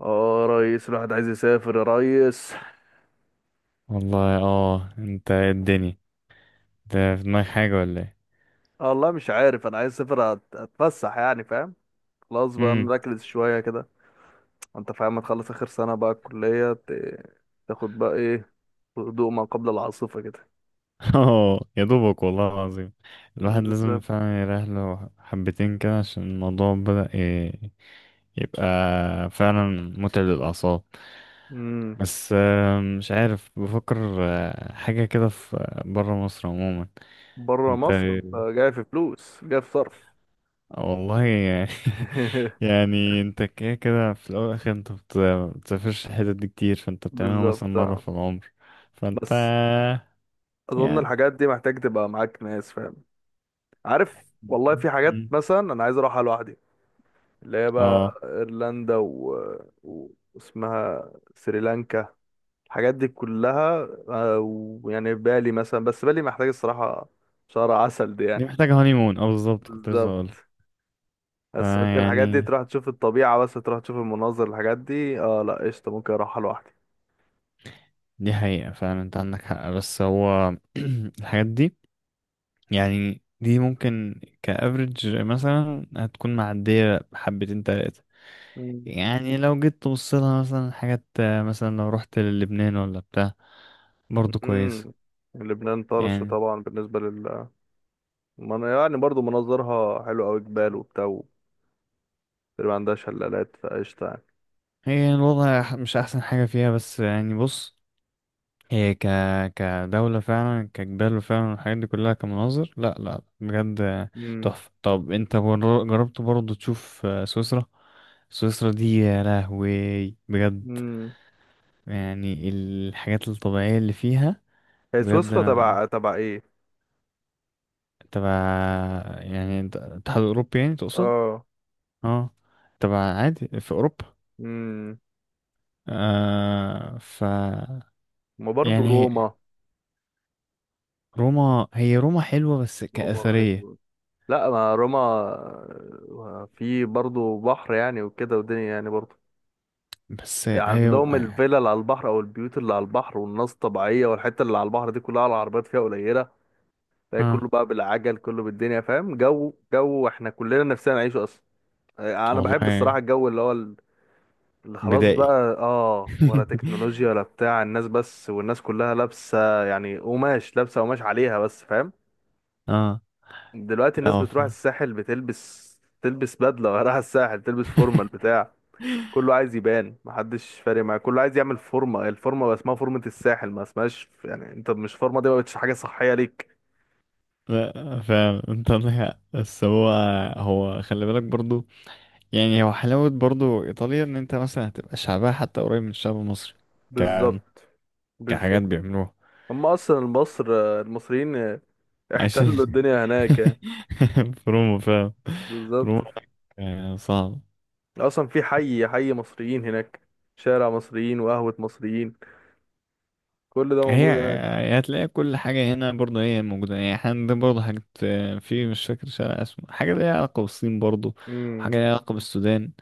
اه، يا ريس الواحد عايز يسافر يا ريس. والله اه، انت إيه الدنيا؟ ده في دماغك حاجة ولا ايه؟ آه، والله مش عارف. انا عايز اسافر اتفسح يعني فاهم. خلاص بقى امم. نركز شوية كده. انت فاهم ما تخلص اخر سنة بقى الكلية تاخد بقى ايه. هدوء ما قبل العاصفة كده. اه، يا دوبك والله العظيم. مم، الواحد لازم بالظبط. فعلا يريح له حبتين كده عشان الموضوع بدأ يبقى فعلا متعب للأعصاب. امم. بس مش عارف بفكر. حاجة كده في برا مصر عموما. بره انت مصر انت جاي في فلوس جاي في صرف. والله يعني. يعني انت كده كده في الأول والآخر، انت بتسافرش الحتت دي كتير، فانت بتعملها مثلا بالظبط مرة آه. في العمر، فانت بس اظن يعني. الحاجات دي محتاج تبقى معاك ناس فاهم. عارف، والله في حاجات مم. مثلا انا عايز اروحها لوحدي، اللي هي بقى اه، ايرلندا و... واسمها سريلانكا. الحاجات دي كلها آه، ويعني بالي مثلا، بس بالي محتاج الصراحة شهر عسل دي دي يعني. محتاجة هاني مون، اه بالظبط كنت لسه بالظبط. هقول. بس ممكن الحاجات دي فيعني تروح تشوف الطبيعة، بس تروح تشوف المناظر، الحاجات دي اه لا قشطة ممكن اروحها لوحدي. دي حقيقة فعلا، انت عندك حق بس هو الحاجات دي، يعني دي ممكن كأفريج مثلا هتكون معدية حبتين تلاتة. مم. يعني لو جيت تبص لها مثلا حاجات، مثلا لو رحت للبنان ولا بتاع برضو كويس. امم. لبنان طرش يعني طبعا بالنسبة لل، يعني برضو مناظرها حلو أوي، جبال وبتاع، وتقريبا عندها شلالات فقشطة يعني. هي الوضع مش أحسن حاجة فيها، بس يعني بص، هي كدولة فعلا، كجبال فعلا، الحاجات دي كلها كمناظر، لا لا بجد امم. تحفة. طب انت جربت برضه تشوف سويسرا؟ سويسرا دي يا لهوي بجد، امم. يعني الحاجات الطبيعية اللي فيها، هي بجد سويسرا انا. تبع ايه؟ تبع، يعني اتحاد اوروبي يعني تقصد. اه. اه، تبع عادي في اوروبا. امم. آه ف ما برضه يعني روما. روما، هي روما حلوة بس روما كأثرية. رهيبة. لا ما روما. آه، في برضه بحر يعني وكده ودنيا يعني برضه. بس هي عندهم الفيلا اللي على البحر، او البيوت اللي على البحر، والناس طبيعية، والحتة اللي على البحر دي كلها العربيات فيها قليلة. فهي اه كله بقى بالعجل كله بالدنيا فاهم، جو جو احنا كلنا نفسنا نعيشه اصلا. آه، انا بحب والله الصراحة الجو اللي هو اللي خلاص بدائي. بقى اه، ولا تكنولوجيا ولا بتاع الناس بس، والناس كلها لابسة يعني قماش، لابسة قماش عليها بس فاهم. اه، دلوقتي لا الناس هو بتروح فاهم. الساحل بتلبس بدلة، رايحة الساحل تلبس فورمال بتاع. كله عايز يبان محدش فارق معاه، كله عايز يعمل فورمة، الفورمة اسمها فورمة الساحل ما اسمهاش، يعني انت مش فورمة، دي ما بقتش حاجة صحية ليك. لا، فاهم انت عندك حق، بس هو خلي بالك برضو. يعني هو حلاوة برضو ايطاليا، ان انت مثلا هتبقى شعبها حتى قريب من الشعب المصري، ك بالظبط. كحاجات بالظبط. بيعملوها. هم اصلا مصر، المصريين عايشين احتلوا الدنيا هناك يعني. في روما، فاهم؟ بالظبط. روما، صعب. اصلا في حي مصريين هناك، شارع مصريين وقهوة مصريين، كل ده هي موجود هناك. آه، هي هتلاقي كل حاجة هنا برضه هي موجودة، يعني احنا عندنا برضه حاجات، في مش فاكر شارع اسمه حاجة ليها علاقة بالصين برضه، امم. وحاجة ليها علاقة بالسودان.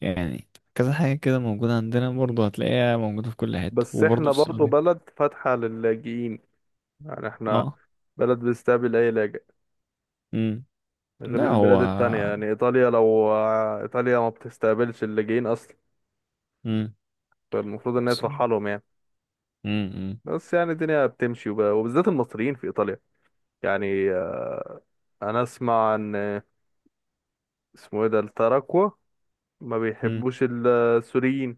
يعني كذا حاجة كده موجودة عندنا، برضه هتلاقيها موجودة في كل حتة، بس وبرضه احنا في برضو السعودية. بلد فاتحة للاجئين، يعني احنا اه. بلد بتستقبل اي لاجئ، امم. غير لا البلاد هو. التانية، يعني ايطاليا، لو آه، ايطاليا ما بتستقبلش اللاجئين اصلا، امم. فالمفروض ان هي بس. ترحلهم يعني. امم، بس يعني الدنيا بتمشي وبالذات المصريين في ايطاليا، يعني آه، انا اسمع ان اسمه ايه ده التراكوة ما امم. بيحبوش السوريين.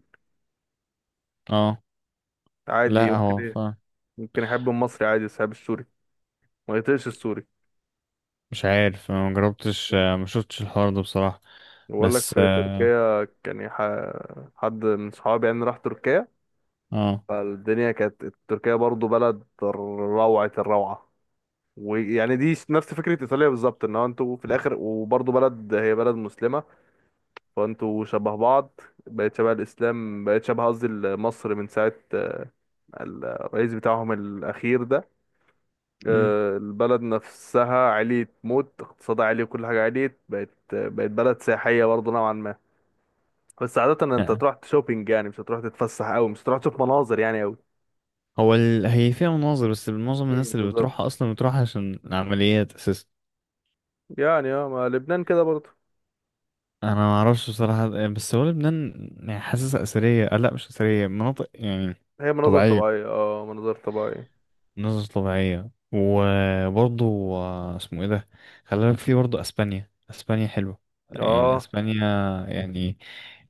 اه. عادي لا ممكن هو ايه. فعلا ممكن يحب المصري عادي بس يحب السوري، ما يطيقش السوري. مش عارف. أنا ما جربتش، ما شفتش الحوار ده بصراحة. بقول لك بس في اه. تركيا حد من صحابي يعني راح تركيا، اه. فالدنيا كانت تركيا برضو بلد روعة الروعة. ويعني دي نفس فكرة إيطاليا بالظبط، إن هو أنتوا في الآخر، وبرضو بلد، هي بلد مسلمة، فأنتوا شبه بعض. بقت شبه الإسلام، بقت شبه قصدي مصر، من ساعة الرئيس بتاعهم الأخير ده امم. آه، البلد نفسها عليت موت، اقتصادها عالي، وكل حاجة عليت، بقت بلد سياحية برضو نوعا ما. بس عادة أنت لا. تروح تشوبينج يعني، مش هتروح تتفسح أوي، مش هتروح تشوف مناظر يعني أوي. هي فيها مناظر، بس معظم مم. الناس اللي بالظبط. بتروحها اصلا بتروح عشان العمليات اساسا. يعني اه ما لبنان كده برضه. انا ما اعرفش بصراحة، بس هو لبنان يعني حاسسها اثرية، لا مش اثرية، مناطق يعني هي مناظر طبيعية، طبيعية، اه مناظر طبيعية. نظرة طبيعية. وبرضو اسمه ايه ده، خلي بالك في برضو اسبانيا، اسبانيا حلوة. يعني اه. اسبانيا، يعني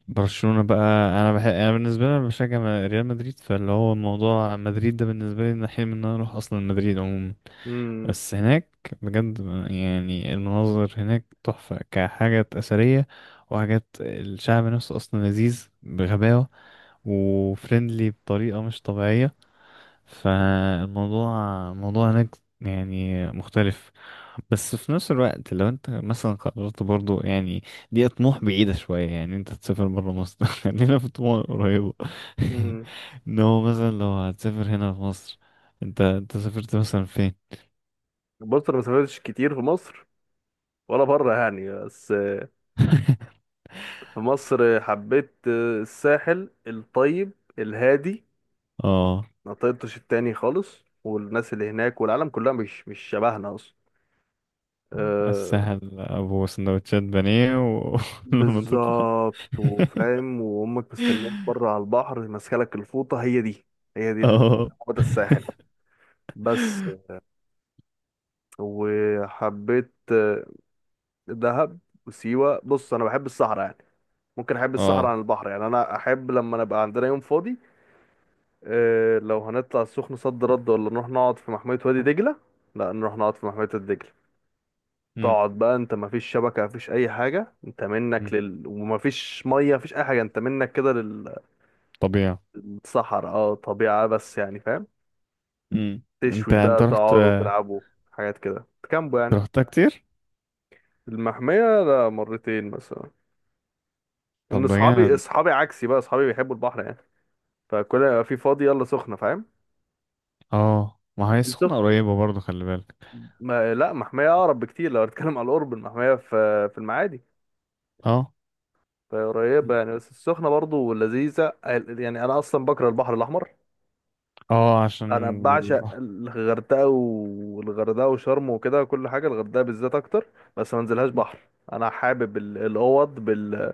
برشلونة بقى. انا بالنسبة لي، أنا بشجع ريال مدريد، فاللي هو موضوع مدريد ده بالنسبة لي إن حلم ان انا اروح اصلا مدريد عموما. امم. بس هناك بجد يعني المناظر هناك تحفة، كحاجات اثرية، وحاجات الشعب نفسه اصلا لذيذ بغباوة، وفريندلي بطريقة مش طبيعية. فالموضوع هناك يعني مختلف. بس في نفس الوقت لو انت مثلا قررت برضو، يعني دي طموح بعيدة شوية، يعني انت تسافر برا مصر، خلينا في طموح قريبة. امم. ان هو مثلا لو هتسافر هنا في مصر، انت سافرت مثلا فين؟ بص انا ما سافرتش كتير في مصر ولا بره يعني، بس آه، في مصر حبيت آه، الساحل الطيب الهادي. اه، ما طيبتش التاني خالص، والناس اللي هناك والعالم كلها مش مش شبهنا اصلا. آه. السهل ابو سندوتشات بانيه، ولما تطلع. بالظبط، وفاهم. وامك مستنياك بره على البحر ماسكه لك الفوطه، هي دي، هي دي اه. هو ده الساحل بس. وحبيت آه، دهب وسيوة. بص انا بحب الصحراء يعني، ممكن احب الصحراء اه. عن البحر يعني. انا احب لما نبقى عندنا يوم فاضي آه، لو هنطلع السخنة صد رد، ولا نروح نقعد في محمية وادي دجلة، لا نروح نقعد في محمية وادي دجلة. مم. تقعد بقى انت مفيش شبكة مفيش اي حاجة انت منك مم. لل، ومفيش مية مفيش اي حاجة انت منك كده طبيعي. للصحراء، اه طبيعة بس يعني فاهم. امم. انت تشوي انت بقى رحت تقعدوا تلعبوا حاجات كده تكامبوا انت يعني. رحتها كتير؟ المحمية، لا مرتين مثلا. ان طب اصحابي، بجد. اصحابي عكسي بقى، اصحابي بيحبوا البحر يعني، فكل ما يبقى في فاضي يلا سخنه فاهم. اه، ما هي السخن، سخنة قريبة برضو، خلي بالك. ما لا محميه اقرب بكتير، لو هنتكلم على القرب المحميه في المعادي، اه. فقريبه يعني. بس السخنه برضو لذيذه يعني. انا اصلا بكره البحر الاحمر، اه انا عشان بعشق الغردقه والغردقه وشرم وكده كل حاجه، الغردقه بالذات اكتر. بس ما انزلهاش بحر. انا حابب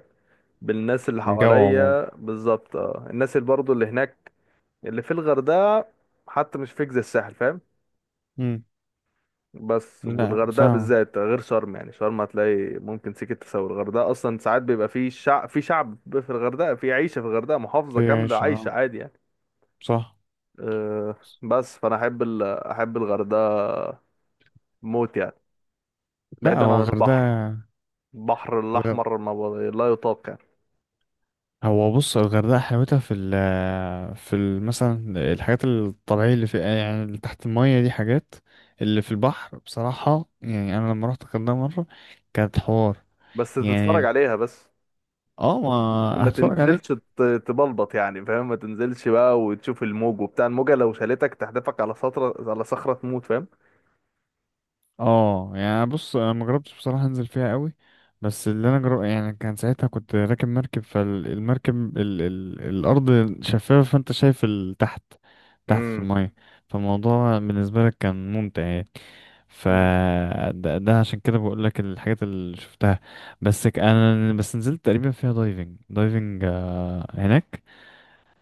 بالناس اللي الجو عموما. حواليا، بالظبط اه، الناس اللي برضو اللي هناك اللي في الغردقه، حتى مش فيك زي الساحل فاهم. امم. بس لا أنا والغردقه فاهمة، بالذات غير شرم، يعني شرم هتلاقي ممكن سكه تسوي الغردقه اصلا، ساعات بيبقى في شعب، في شعب في الغردقه، في عيشه في الغردقه، في محافظه كامله عيش عايشه اه، عادي يعني. صح. أه. بس فانا احب احب الغردقه موت يعني، لا بعيدا هو عن البحر. الغردقة، البحر الغ- الاحمر ما ب- لا يطاق يعني. هو بص، الغردقة حلاوتها في ال مثلا، الحاجات الطبيعية اللي في، يعني اللي تحت المية، دي حاجات اللي في البحر بصراحة. يعني أنا لما رحت الغردقة مرة، كانت حوار بس يعني. تتفرج عليها بس، اه لكن ما ما هتفرج تنزلش عليها. تبلبط يعني فاهم، ما تنزلش بقى وتشوف الموج وبتاع، الموجه لو شالتك تحدفك على سطره على صخره تموت فاهم. اه يعني بص، انا ما جربتش بصراحه انزل فيها قوي. بس اللي انا جرب يعني، كان ساعتها كنت راكب مركب، فالمركب الارض شفافه، فانت شايف تحت تحت في الميه. فالموضوع بالنسبه لك كان ممتع يعني. ف ده عشان كده بقول لك الحاجات اللي شفتها. انا بس نزلت تقريبا فيها دايفنج هناك.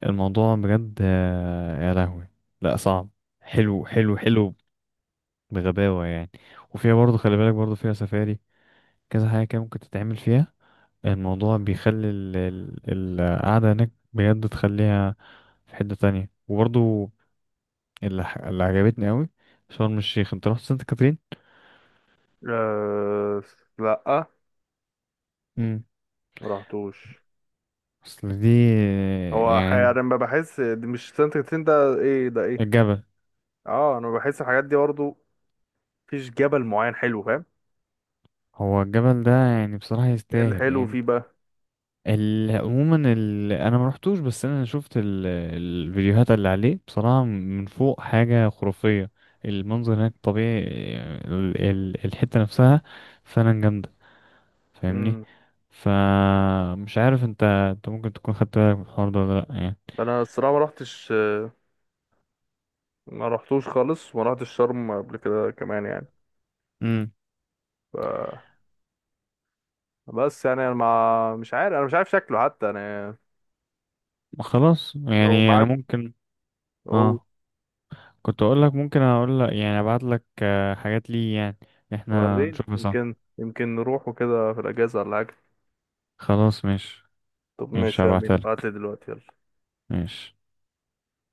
الموضوع بجد يا لهوي. لا صعب، حلو امم. حلو حلو بغباوة يعني. وفيها برضه خلي بالك برضه فيها سفاري، كذا حاجة كده ممكن تتعمل فيها. الموضوع بيخلي القعدة هناك بجد تخليها في حتة تانية. وبرضه اللي عجبتني قوي شرم الشيخ. انت رحت سانت كاترين؟ أه. لا، امم. مرحتوش. اصل دي هو حقيقة يعني انا ما بحس دي مش سانت كاترين، ده ايه ده ايه. الجبل. اه انا بحس الحاجات دي برضه مفيش جبل معين حلو فاهم. هو الجبل ده يعني بصراحة ايه يستاهل الحلو يعني. فيه بقى؟ عموما، انا ما رحتوش، بس انا شفت الفيديوهات اللي عليه بصراحة، من فوق حاجة خرافية، المنظر هناك طبيعي، الحتة نفسها فعلا جامدة، فاهمني؟ امم. فمش عارف انت ممكن تكون خدت بالك من الحوار ده ولا لا يعني. انا الصراحة ما رحتش، ما رحتوش خالص، وما رحتش شرم قبل كده كمان يعني. امم. ف... بس يعني انا ما مش عارف، انا مش عارف شكله حتى انا. خلاص لو يعني انا معاك ممكن. او، اه كنت اقول لك ممكن اقول لك، يعني ابعت لك حاجات ليه، يعني احنا وريني، نشوفها سوا. يمكن نروح وكده في الاجازة ولا حاجة. خلاص ماشي. طب ماشي، ماشي يا امين هبعتها ابعتلي لك. دلوقتي يلا. ماشي.